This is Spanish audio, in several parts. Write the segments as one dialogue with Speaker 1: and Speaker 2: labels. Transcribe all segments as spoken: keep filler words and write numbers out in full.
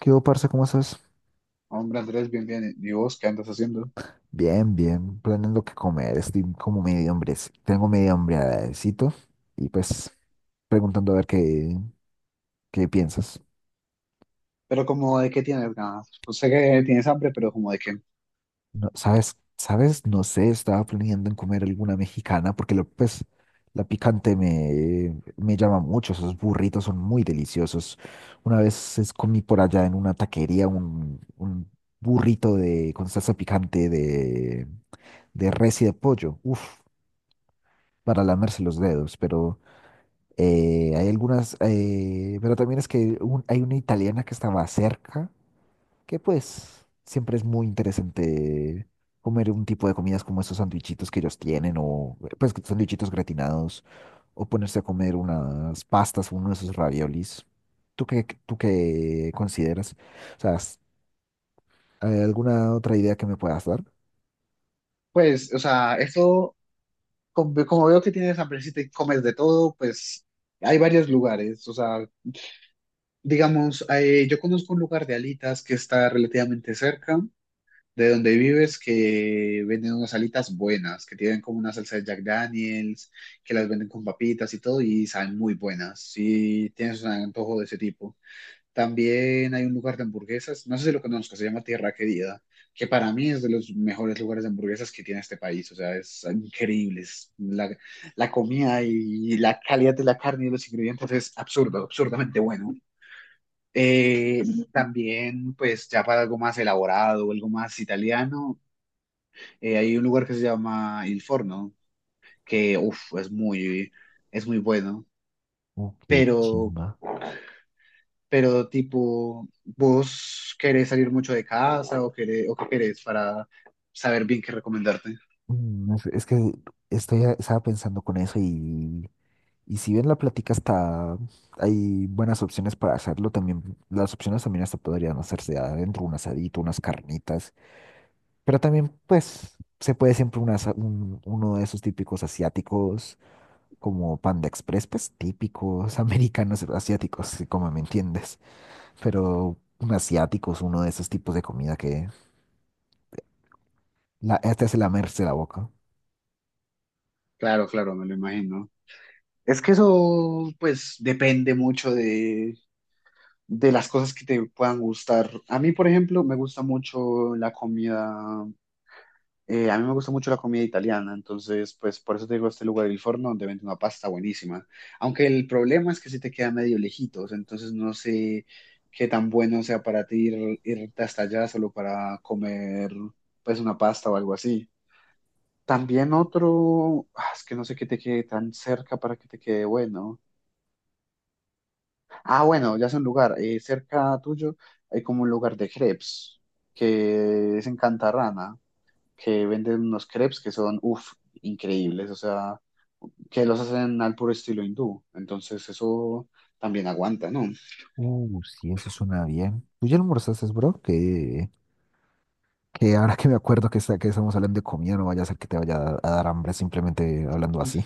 Speaker 1: ¿Qué hubo, parce? ¿Cómo estás?
Speaker 2: Hombre, Andrés, bien, bien. ¿Y vos qué andas haciendo?
Speaker 1: Bien, bien, planeando qué comer. Estoy como medio hambre. Tengo medio hambrecito y pues preguntando a ver qué, qué piensas.
Speaker 2: Pero como de qué tienes ganas. Pues sé que tienes hambre, pero como de qué.
Speaker 1: No, ¿sabes? ¿Sabes? No sé, estaba planeando en comer alguna mexicana porque lo, pues la picante me, me llama mucho. Esos burritos son muy deliciosos. Una vez es- comí por allá en una taquería un, un burrito de, con salsa picante de, de res y de pollo. Uf, para lamerse los dedos, pero... Eh, hay algunas, eh, pero también es que un- hay una italiana que estaba cerca, que pues siempre es muy interesante comer un tipo de comidas como esos sandwichitos que ellos tienen, o pues sandwichitos gratinados, o ponerse a comer unas pastas, uno de esos raviolis. ¿Tú qué, tú qué consideras? O sea, ¿has- ¿hay alguna otra idea que me puedas dar?
Speaker 2: Pues, o sea, eso, como, como veo que tienes hambre, si te comes de todo, pues hay varios lugares. O sea, digamos, eh, yo conozco un lugar de alitas que está relativamente cerca de donde vives, que venden unas alitas buenas, que tienen como una salsa de Jack Daniels, que las venden con papitas y todo, y saben muy buenas. Si tienes un antojo de ese tipo. También hay un lugar de hamburguesas, no sé si lo conozco, se llama Tierra Querida, que para mí es de los mejores lugares de hamburguesas que tiene este país. O sea, es increíble. Es la, la comida y la calidad de la carne y los ingredientes es absurdo, absurdamente bueno. Eh, También, pues ya para algo más elaborado, algo más italiano, eh, hay un lugar que se llama Il Forno, que uf, es muy, es muy bueno.
Speaker 1: Uh, qué
Speaker 2: Pero
Speaker 1: chimba.
Speaker 2: pero tipo, ¿vos querés salir mucho de casa o querés, o qué querés para saber bien qué recomendarte?
Speaker 1: Mm, es, es que estoy, estaba pensando con eso. y Y si bien la plática está, hay buenas opciones para hacerlo, también las opciones también hasta podrían hacerse adentro, un asadito, unas carnitas, pero también pues se puede siempre un asa- un- uno de esos típicos asiáticos como Panda Express, pues típicos americanos asiáticos, sí, como me entiendes, pero un asiático es uno de esos tipos de comida que la, este hace lamerse la boca.
Speaker 2: Claro, claro, me lo imagino. Es que eso, pues, depende mucho de, de las cosas que te puedan gustar. A mí, por ejemplo, me gusta mucho la comida. Eh, a mí me gusta mucho la comida italiana, entonces, pues por eso te digo este lugar del Forno donde venden una pasta buenísima. Aunque el problema es que sí te queda medio lejitos, entonces no sé qué tan bueno sea para ti ir, irte hasta allá solo para comer, pues, una pasta o algo así. También otro, ah, es que no sé qué te quede tan cerca para que te quede bueno. Ah, bueno, ya sé un lugar, eh, cerca tuyo hay como un lugar de crepes que es en Cantarrana, que venden unos crepes que son, uff, increíbles, o sea, que los hacen al puro estilo hindú, entonces eso también aguanta, ¿no?
Speaker 1: Uh, sí, eso suena bien. ¿Tú ya almorzaste, bro? ¿Qué, Que ahora que me acuerdo que, está, que estamos hablando de comida, no vaya a ser que te vaya a, a dar hambre simplemente hablando así.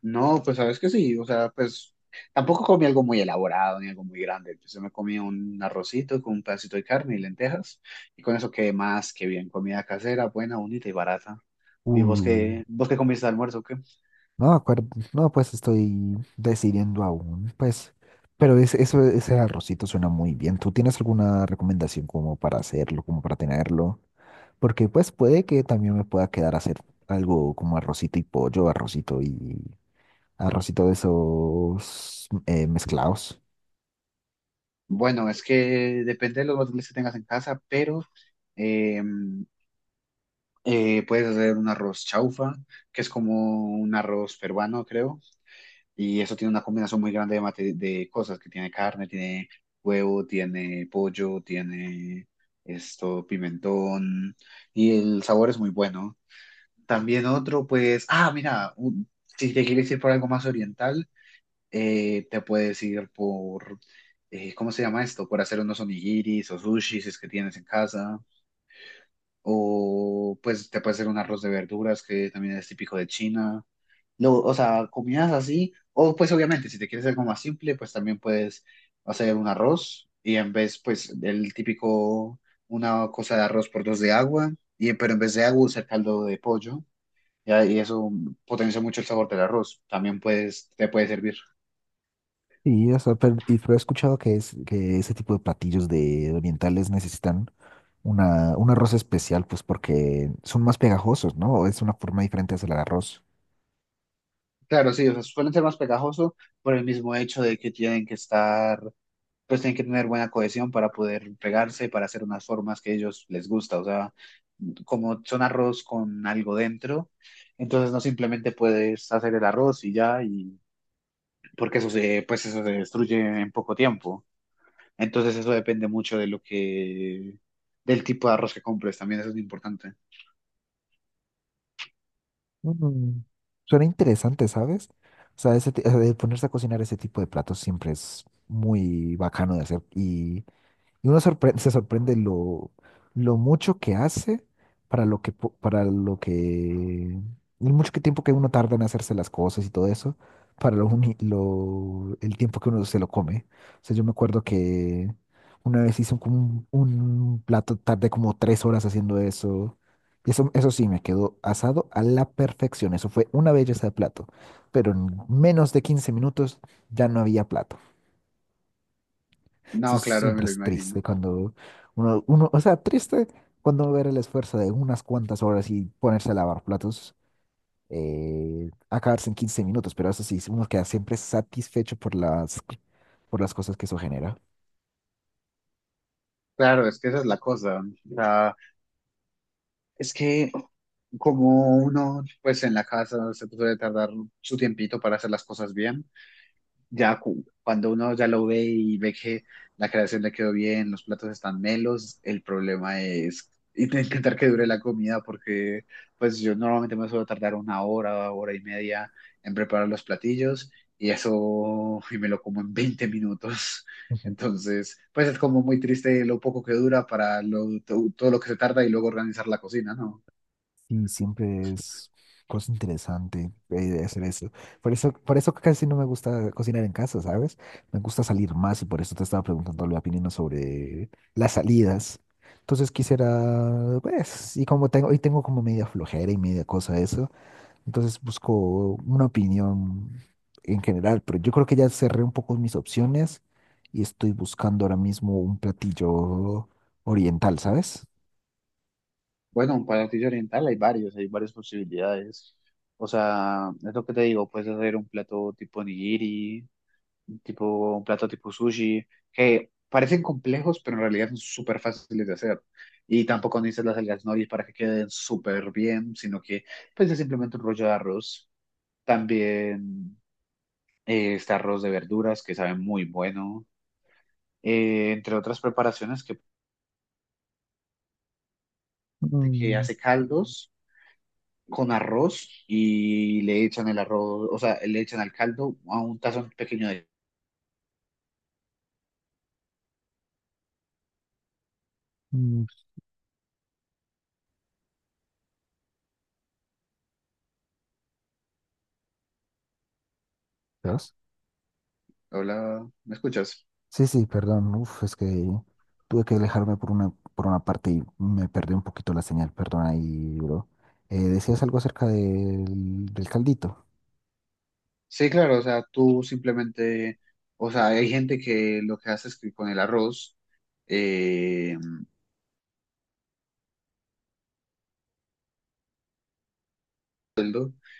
Speaker 2: No, pues sabes que sí, o sea, pues tampoco comí algo muy elaborado ni algo muy grande, pues yo sí me comí un arrocito con un pedacito de carne y lentejas, y con eso quedé más que bien, comida casera, buena, bonita y barata. ¿Y vos
Speaker 1: Uh,
Speaker 2: qué, vos qué comiste de almuerzo, o qué?
Speaker 1: No, acuerdo, no, pues estoy decidiendo aún, pues. Pero es- eso, ese arrocito suena muy bien. ¿Tú tienes alguna recomendación como para hacerlo, como para tenerlo? Porque pues puede que también me pueda quedar a hacer algo como arrocito y pollo, arrocito y arrocito de esos eh, mezclados.
Speaker 2: Bueno, es que depende de los materiales que tengas en casa, pero... em, Eh, puedes hacer un arroz chaufa, que es como un arroz peruano, creo, y eso tiene una combinación muy grande de, mate- de cosas, que tiene carne, tiene huevo, tiene pollo, tiene esto, pimentón, y el sabor es muy bueno. También otro, pues, ah, mira, un- si te quieres ir por algo más oriental, eh, te puedes ir por, eh, ¿cómo se llama esto? Por hacer unos onigiris o sushis, si es que tienes en casa. O pues te puede hacer un arroz de verduras que también es típico de China. Lo, o sea, comidas así. O pues obviamente, si te quieres algo más simple, pues también puedes hacer un arroz y en vez, pues el típico, una cosa de arroz por dos de agua, y, pero en vez de agua usar caldo de pollo. Y, y eso potencia mucho el sabor del arroz. También puedes, te puede servir.
Speaker 1: Y, o sea pero, y pero he escuchado que, es, que ese tipo de platillos de orientales necesitan. una, un arroz especial, pues porque son más pegajosos, ¿no? Es una forma diferente de hacer el arroz.
Speaker 2: Claro, sí, o sea, suelen ser más pegajosos por el mismo hecho de que tienen que estar, pues tienen que tener buena cohesión para poder pegarse, para hacer unas formas que a ellos les gusta. O sea, como son arroz con algo dentro, entonces no simplemente puedes hacer el arroz y ya, y porque eso se, pues eso se destruye en poco tiempo. Entonces eso depende mucho de lo que, del tipo de arroz que compres, también eso es importante.
Speaker 1: Mm, suena interesante, ¿sabes? O sea, ese, ti- eh, ponerse a cocinar ese tipo de platos siempre es muy bacano de hacer. y Y uno sorpre- se sorprende lo, lo mucho que hace para lo que, po- para lo que, el mucho que tiempo que uno tarda en hacerse las cosas y todo eso, para lo, uni- lo- el tiempo que uno se lo come. O sea, yo me acuerdo que una vez hice un, como un, un plato, tardé como tres horas haciendo eso. Y eso, eso sí, me quedó asado a la perfección. Eso fue una belleza de plato. Pero en menos de quince minutos ya no había plato. Eso
Speaker 2: No, claro, me
Speaker 1: siempre
Speaker 2: lo
Speaker 1: es
Speaker 2: imagino.
Speaker 1: triste cuando uno, uno, o sea, triste cuando ver el esfuerzo de unas cuantas horas y ponerse a lavar platos, eh, acabarse en quince minutos, pero eso sí, uno queda siempre satisfecho por las, por las cosas que eso genera.
Speaker 2: Claro, es que esa es la cosa. O sea, es que como uno, pues en la casa se puede tardar su tiempito para hacer las cosas bien, ya cu- cuando uno ya lo ve y ve que la creación le quedó bien, los platos están melos, el problema es int- intentar que dure la comida porque pues yo normalmente me suelo tardar una hora, hora y media en preparar los platillos y eso y me lo como en veinte minutos. Entonces, pues es como muy triste lo poco que dura para lo, to- todo lo que se tarda y luego organizar la cocina, ¿no?
Speaker 1: Sí, siempre es cosa interesante eh, hacer eso. Por eso, por eso casi no me gusta cocinar en casa, ¿sabes? Me gusta salir más y por eso te estaba preguntando la opinión sobre las salidas. Entonces quisiera, pues, y como tengo, y tengo como media flojera y media cosa eso, entonces busco una opinión en general, pero yo creo que ya cerré un poco mis opciones y estoy buscando ahora mismo un platillo oriental, ¿sabes?
Speaker 2: Bueno, un platillo oriental hay varios, hay varias posibilidades. O sea, es lo que te digo, puedes hacer un plato tipo nigiri, tipo, un plato tipo sushi, que parecen complejos, pero en realidad son súper fáciles de hacer. Y tampoco necesitas las algas nori para que queden súper bien, sino que pues es simplemente un rollo de arroz. También eh, está arroz de verduras, que sabe muy bueno. Eh, entre otras preparaciones que, que
Speaker 1: Mm,
Speaker 2: hace caldos con arroz y le echan el arroz, o sea, le echan al caldo a un tazón pequeño de...
Speaker 1: mm, ¿sabes?
Speaker 2: Hola, ¿me escuchas?
Speaker 1: Sí, sí, perdón. Uf, es que tuve que alejarme por una, por una parte y me perdí un poquito la señal. Perdón ahí, bro. Eh, decías algo acerca del, del caldito.
Speaker 2: Sí, claro, o sea, tú simplemente, o sea, hay gente que lo que hace es que con el arroz, eh,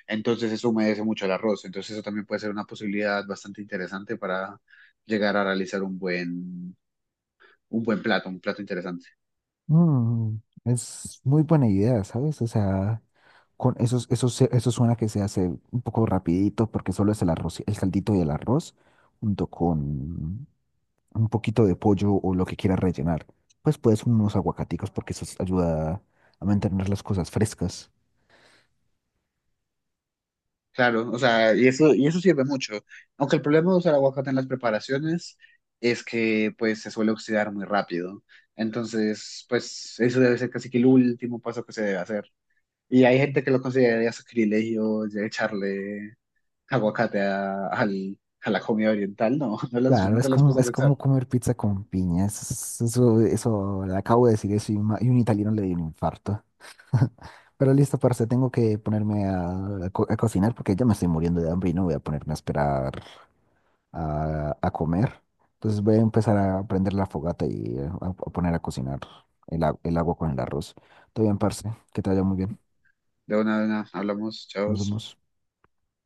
Speaker 2: entonces eso humedece mucho el arroz, entonces eso también puede ser una posibilidad bastante interesante para llegar a realizar un buen, un buen plato, un plato interesante.
Speaker 1: Mm, es muy buena idea, ¿sabes? O sea, con eso, eso, se- eso suena que se hace un poco rapidito porque solo es el arroz, el caldito y el arroz junto con un poquito de pollo o lo que quieras rellenar. Pues puedes unos aguacaticos porque eso ayuda a mantener las cosas frescas.
Speaker 2: Claro, o sea, y eso, y eso sirve mucho. Aunque el problema de usar aguacate en las preparaciones es que pues se suele oxidar muy rápido. Entonces, pues eso debe ser casi que el último paso que se debe hacer. Y hay gente que lo consideraría sacrilegio de echarle aguacate a, al- a la comida oriental. No, no, las,
Speaker 1: Claro,
Speaker 2: no
Speaker 1: es
Speaker 2: te las
Speaker 1: como,
Speaker 2: puedes
Speaker 1: es como
Speaker 2: pensar.
Speaker 1: comer pizza con piñas. Eso, eso, le acabo de decir eso y, ma- y un italiano le dio un infarto. Pero listo, parce, tengo que ponerme a, a co- a cocinar porque ya me estoy muriendo de hambre y no voy a ponerme a esperar a, a comer. Entonces voy a empezar a prender la fogata y eh, a, a poner a cocinar el, a- el agua con el arroz. Todo bien, parce, que te vaya muy bien.
Speaker 2: De una, de una, hablamos, chao.
Speaker 1: Nos vemos.